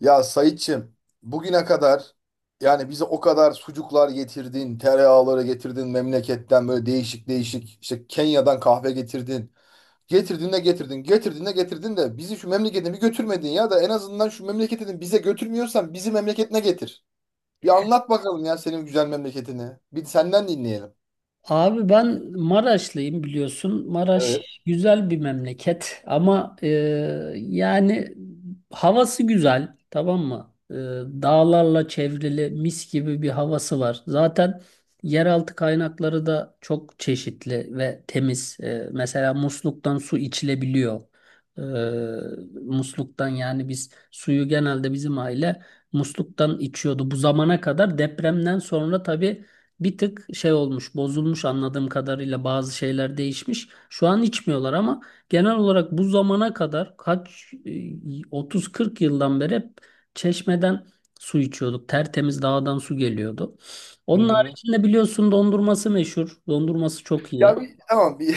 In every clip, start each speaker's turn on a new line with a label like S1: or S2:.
S1: Ya Saitçim, bugüne kadar yani bize o kadar sucuklar getirdin, tereyağları getirdin memleketten böyle değişik değişik işte Kenya'dan kahve getirdin. Getirdin de getirdin, getirdin de getirdin de bizi şu memleketine bir götürmedin ya da en azından şu memleketini bize götürmüyorsan bizi memleketine getir. Bir anlat bakalım ya senin güzel memleketini. Bir senden dinleyelim.
S2: Abi ben Maraşlıyım biliyorsun. Maraş
S1: Evet.
S2: güzel bir memleket ama yani havası güzel, tamam mı? Dağlarla çevrili mis gibi bir havası var. Zaten yeraltı kaynakları da çok çeşitli ve temiz. Mesela musluktan su içilebiliyor. E, Musluktan yani biz suyu genelde bizim aile musluktan içiyordu. Bu zamana kadar depremden sonra tabii bir tık şey olmuş, bozulmuş, anladığım kadarıyla bazı şeyler değişmiş. Şu an içmiyorlar ama genel olarak bu zamana kadar kaç 30-40 yıldan beri hep çeşmeden su içiyorduk. Tertemiz dağdan su geliyordu.
S1: Hı
S2: Onun
S1: hı.
S2: haricinde biliyorsun dondurması meşhur. Dondurması çok iyi.
S1: Ya bir, tamam bir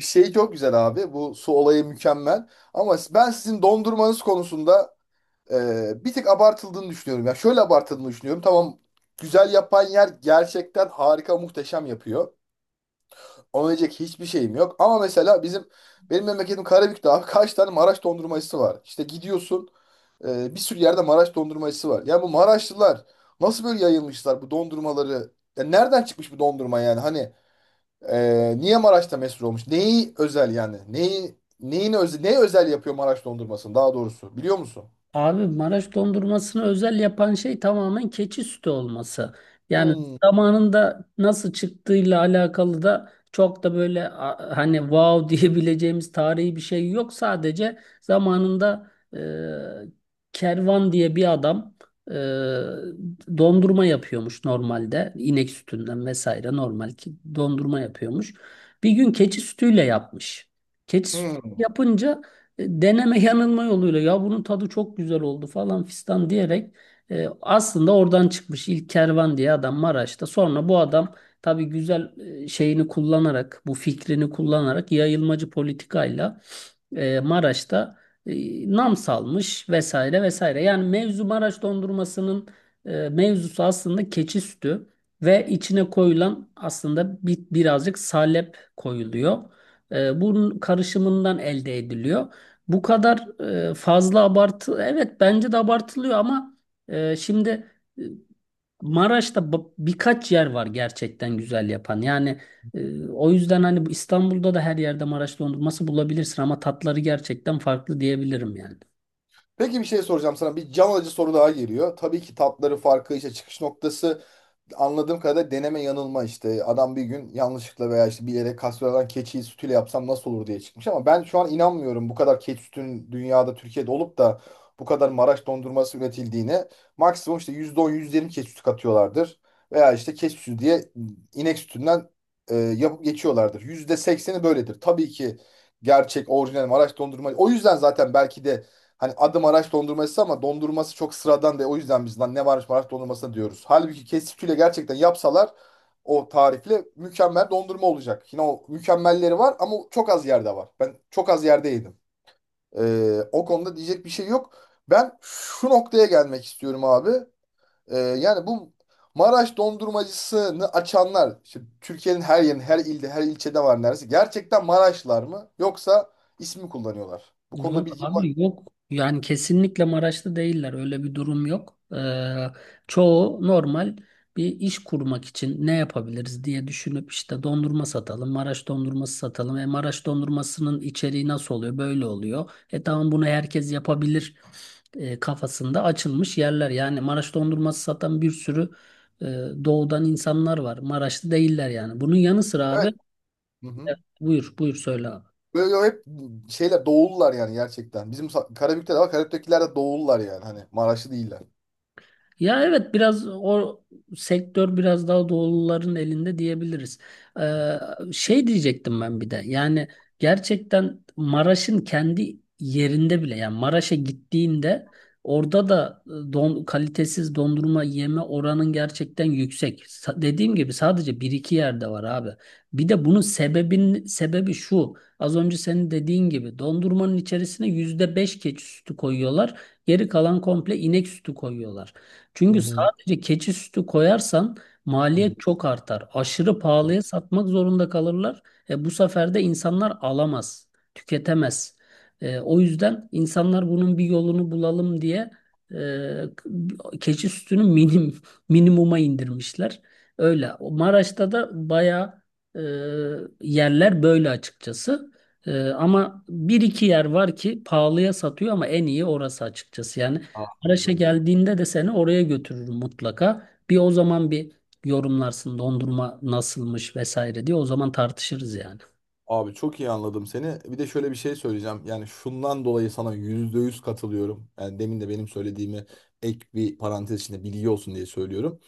S1: şey çok güzel abi. Bu su olayı mükemmel. Ama ben sizin dondurmanız konusunda bir tık abartıldığını düşünüyorum. Ya şöyle abartıldığını düşünüyorum. Tamam güzel yapan yer gerçekten harika muhteşem yapıyor. Ona diyecek hiçbir şeyim yok. Ama mesela bizim benim memleketim Karabük'te abi kaç tane Maraş dondurmacısı var. İşte gidiyorsun bir sürü yerde Maraş dondurmacısı var. Yani bu Maraşlılar nasıl böyle yayılmışlar bu dondurmaları? Ya nereden çıkmış bu dondurma yani? Hani niye Maraş'ta meşhur olmuş? Neyi özel yani? Neyi neyin özel, ne özel yapıyor Maraş dondurmasını daha doğrusu biliyor musun?
S2: Abi Maraş dondurmasını özel yapan şey tamamen keçi sütü olması. Yani
S1: Hmm.
S2: zamanında nasıl çıktığıyla alakalı da çok da böyle hani wow diyebileceğimiz tarihi bir şey yok. Sadece zamanında Kervan diye bir adam e, dondurma yapıyormuş normalde. İnek sütünden vesaire normal ki dondurma yapıyormuş. Bir gün keçi sütüyle yapmış. Keçi sütü
S1: Hmm.
S2: yapınca deneme yanılma yoluyla ya bunun tadı çok güzel oldu falan fistan diyerek aslında oradan çıkmış ilk kervan diye adam Maraş'ta. Sonra bu adam tabii güzel şeyini kullanarak bu fikrini kullanarak yayılmacı politikayla Maraş'ta nam salmış vesaire vesaire. Yani mevzu Maraş dondurmasının mevzusu aslında keçi sütü ve içine koyulan aslında birazcık salep koyuluyor. Bunun karışımından elde ediliyor. Bu kadar fazla abartı, evet bence de abartılıyor ama şimdi e, Maraş'ta birkaç yer var gerçekten güzel yapan. Yani o yüzden hani bu İstanbul'da da her yerde Maraş dondurması bulabilirsin ama tatları gerçekten farklı diyebilirim yani.
S1: Peki bir şey soracağım sana. Bir can alıcı soru daha geliyor. Tabii ki tatları farkı işte çıkış noktası anladığım kadarıyla deneme yanılma işte. Adam bir gün yanlışlıkla veya işte bilerek kastroladan keçi sütüyle yapsam nasıl olur diye çıkmış ama ben şu an inanmıyorum bu kadar keçi sütünün dünyada Türkiye'de olup da bu kadar Maraş dondurması üretildiğine. Maksimum işte %10 %20 keçi sütü katıyorlardır. Veya işte keçi sütü diye inek sütünden yapıp geçiyorlardır. %80'i böyledir. Tabii ki gerçek orijinal Maraş dondurma. O yüzden zaten belki de hani adım Maraş dondurması ama dondurması çok sıradan de o yüzden biz lan ne varmış Maraş dondurması diyoruz. Halbuki kesitüyle gerçekten yapsalar o tarifle mükemmel dondurma olacak. Yine o mükemmelleri var ama çok az yerde var. Ben çok az yerde yedim. O konuda diyecek bir şey yok. Ben şu noktaya gelmek istiyorum abi. Yani bu Maraş dondurmacısını açanlar, işte Türkiye'nin her yerinde, her ilde, her ilçede var neredeyse. Gerçekten Maraşlar mı yoksa ismi kullanıyorlar? Bu konuda
S2: Yok
S1: bilgim var.
S2: abi, yok. Yani kesinlikle Maraşlı değiller. Öyle bir durum yok. Çoğu normal bir iş kurmak için ne yapabiliriz diye düşünüp işte dondurma satalım, Maraş dondurması satalım. E, Maraş dondurmasının içeriği nasıl oluyor? Böyle oluyor. E, tamam, bunu herkes yapabilir kafasında açılmış yerler. Yani Maraş dondurması satan bir sürü e, doğudan insanlar var. Maraşlı değiller yani. Bunun yanı sıra abi,
S1: Evet. Hı hı.
S2: buyur buyur söyle abi.
S1: Böyle hep şeyler doğullar yani gerçekten. Bizim Karabük'te de var. Karabük'tekiler de doğullar yani. Hani Maraşlı değiller.
S2: Ya evet, biraz o sektör biraz daha doğuluların elinde diyebiliriz. Ee, Şey diyecektim, ben bir de yani gerçekten Maraş'ın kendi yerinde bile, yani Maraş'a gittiğinde orada da kalitesiz dondurma yeme oranın gerçekten yüksek. Dediğim gibi sadece bir iki yerde var abi. Bir de bunun sebebi şu, az önce senin dediğin gibi dondurmanın içerisine %5 keçi sütü koyuyorlar. Geri kalan komple inek sütü koyuyorlar.
S1: Hı
S2: Çünkü
S1: hı,
S2: sadece keçi sütü koyarsan
S1: hı hı.
S2: maliyet çok artar. Aşırı pahalıya satmak zorunda kalırlar. Bu sefer de insanlar alamaz, tüketemez. O yüzden insanlar bunun bir yolunu bulalım diye e, keçi sütünü minimuma indirmişler. Öyle. O Maraş'ta da bayağı e, yerler böyle, açıkçası. Ama bir iki yer var ki pahalıya satıyor ama en iyi orası, açıkçası. Yani Maraş'a
S1: Anladım.
S2: geldiğinde de seni oraya götürürüm mutlaka. Bir o zaman bir yorumlarsın dondurma nasılmış vesaire diye, o zaman tartışırız yani.
S1: Abi çok iyi anladım seni. Bir de şöyle bir şey söyleyeceğim. Yani şundan dolayı sana %100 katılıyorum. Yani demin de benim söylediğimi ek bir parantez içinde bilgi olsun diye söylüyorum.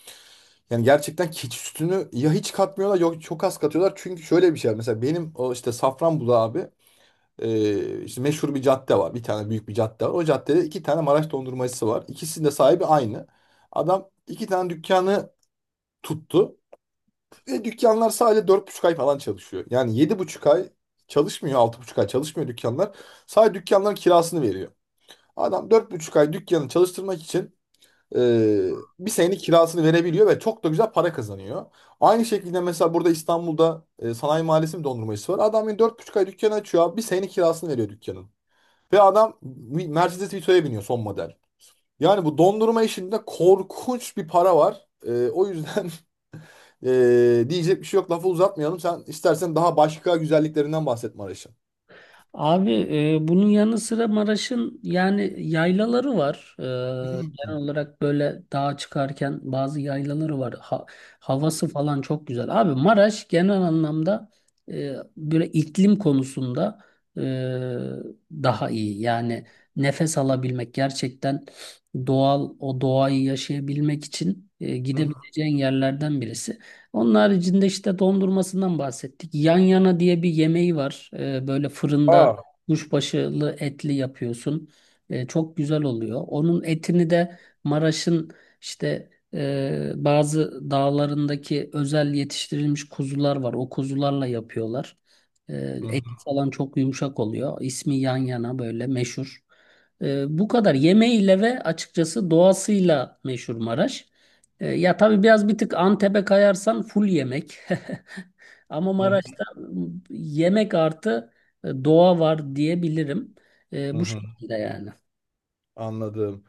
S1: Yani gerçekten keçi sütünü ya hiç katmıyorlar yok çok az katıyorlar. Çünkü şöyle bir şey var. Mesela benim o işte Safranbolu abi. İşte meşhur bir cadde var. Bir tane büyük bir cadde var. O caddede iki tane Maraş dondurmacısı var. İkisinin de sahibi aynı. Adam iki tane dükkanı tuttu. Ve dükkanlar sadece 4,5 ay falan çalışıyor. Yani 7,5 ay çalışmıyor. 6,5 ay çalışmıyor dükkanlar. Sadece dükkanların kirasını veriyor. Adam 4,5 ay dükkanı çalıştırmak için e, bir senenin kirasını verebiliyor ve çok da güzel para kazanıyor. Aynı şekilde mesela burada İstanbul'da Sanayi Mahallesi bir dondurmacısı var. Adam yani 4,5 ay dükkanı açıyor abi. Bir senenin kirasını veriyor dükkanın. Ve adam Mercedes Vito'ya biniyor son model. Yani bu dondurma işinde korkunç bir para var. O yüzden diyecek bir şey yok. Lafı uzatmayalım. Sen istersen daha başka güzelliklerinden bahset Maraş'ın.
S2: Abi, bunun yanı sıra Maraş'ın yani yaylaları var. Genel olarak böyle dağa çıkarken bazı yaylaları var. Havası falan çok güzel. Abi Maraş genel anlamda böyle iklim konusunda e, daha iyi. Yani nefes alabilmek, gerçekten doğal o doğayı yaşayabilmek için gidebileceğin yerlerden birisi. Onun haricinde işte dondurmasından bahsettik. Yan yana diye bir yemeği var. Böyle fırında
S1: Aa.
S2: kuşbaşılı etli yapıyorsun. Çok güzel oluyor. Onun etini de Maraş'ın işte bazı dağlarındaki özel yetiştirilmiş kuzular var. O kuzularla yapıyorlar.
S1: Hı
S2: Et falan çok yumuşak oluyor. İsmi yan yana böyle meşhur. Bu kadar yemeğiyle ve açıkçası doğasıyla meşhur Maraş. Ya tabii biraz bir tık Antep'e kayarsan full yemek. Ama
S1: hı
S2: Maraş'ta yemek artı doğa var diyebilirim.
S1: hı
S2: Bu
S1: hı hı.
S2: şekilde yani.
S1: Anladım.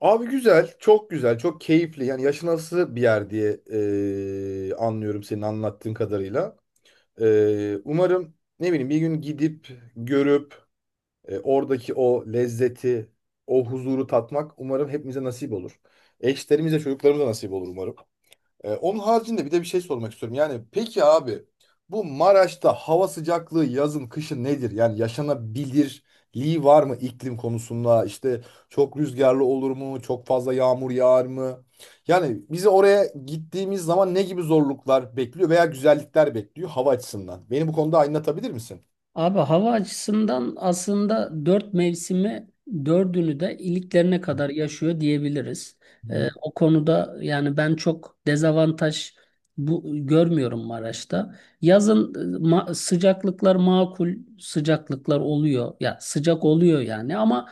S1: Abi güzel, çok güzel, çok keyifli. Yani yaşanası bir yer diye anlıyorum senin anlattığın kadarıyla. Umarım ne bileyim bir gün gidip görüp oradaki o lezzeti, o huzuru tatmak umarım hepimize nasip olur. Eşlerimize, çocuklarımıza nasip olur umarım. Onun haricinde bir de bir şey sormak istiyorum. Yani peki abi bu Maraş'ta hava sıcaklığı yazın kışın nedir? Yani yaşanabilirliği var mı iklim konusunda? İşte çok rüzgarlı olur mu? Çok fazla yağmur yağar mı? Yani bizi oraya gittiğimiz zaman ne gibi zorluklar bekliyor veya güzellikler bekliyor hava açısından? Beni bu konuda aydınlatabilir misin?
S2: Abi hava açısından aslında dört mevsimi, dördünü de iliklerine
S1: Hı.
S2: kadar yaşıyor diyebiliriz. O konuda yani ben çok dezavantaj bu görmüyorum Maraş'ta. Yazın sıcaklıklar, makul sıcaklıklar oluyor. Ya sıcak oluyor yani ama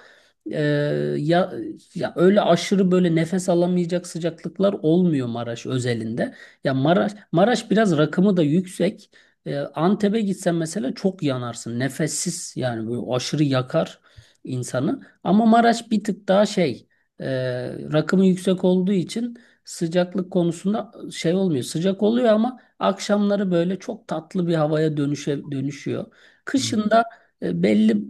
S2: e, ya ya öyle aşırı böyle nefes alamayacak sıcaklıklar olmuyor Maraş özelinde. Ya Maraş biraz rakımı da yüksek. Antep'e gitsen mesela çok yanarsın. Nefessiz yani böyle aşırı yakar insanı. Ama Maraş bir tık daha şey, e, rakımı yüksek olduğu için sıcaklık konusunda şey olmuyor. Sıcak oluyor ama akşamları böyle çok tatlı bir havaya dönüşüyor.
S1: Hmm.
S2: Kışında belli,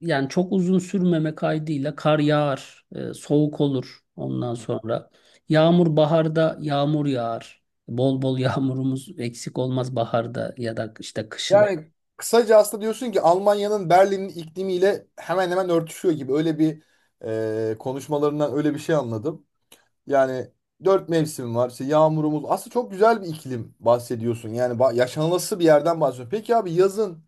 S2: yani çok uzun sürmeme kaydıyla kar yağar, soğuk olur ondan sonra. Yağmur, baharda yağmur yağar. Bol bol yağmurumuz eksik olmaz baharda ya da işte kışın.
S1: Yani kısaca aslında diyorsun ki Almanya'nın Berlin'in iklimiyle hemen hemen örtüşüyor gibi. Öyle bir konuşmalarından öyle bir şey anladım. Yani dört mevsim var. İşte yağmurumuz. Aslında çok güzel bir iklim bahsediyorsun. Yani yaşanılası bir yerden bahsediyorsun. Peki abi yazın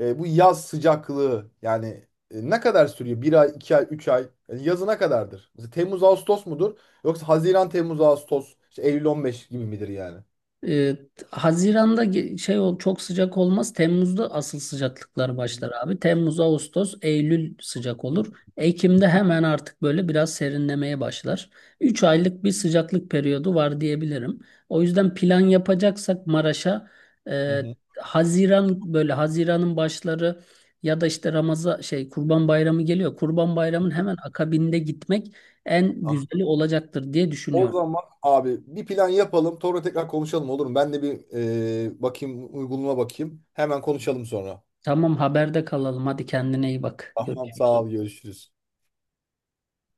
S1: bu yaz sıcaklığı yani ne kadar sürüyor? Bir ay, 2 ay, 3 ay. Yani yazı ne kadardır? Mesela Temmuz, Ağustos mudur? Yoksa Haziran, Temmuz, Ağustos, işte Eylül 15 gibi midir yani?
S2: Ee, Haziran'da çok sıcak olmaz. Temmuz'da asıl sıcaklıklar başlar abi. Temmuz, Ağustos, Eylül sıcak olur. Ekim'de hemen artık böyle biraz serinlemeye başlar. 3 aylık bir sıcaklık periyodu var diyebilirim. O yüzden plan yapacaksak Maraş'a
S1: Hı
S2: e,
S1: hı.
S2: Haziran böyle Haziran'ın başları ya da işte Ramazan şey Kurban Bayramı geliyor. Kurban Bayramı'nın hemen akabinde gitmek en güzeli olacaktır diye
S1: O
S2: düşünüyorum.
S1: zaman abi bir plan yapalım. Sonra tekrar konuşalım olur mu? Ben de bir bakayım uygulama bakayım. Hemen konuşalım sonra.
S2: Tamam, haberde kalalım. Hadi kendine iyi bak.
S1: Tamam
S2: Görüşürüz.
S1: sağ ol görüşürüz.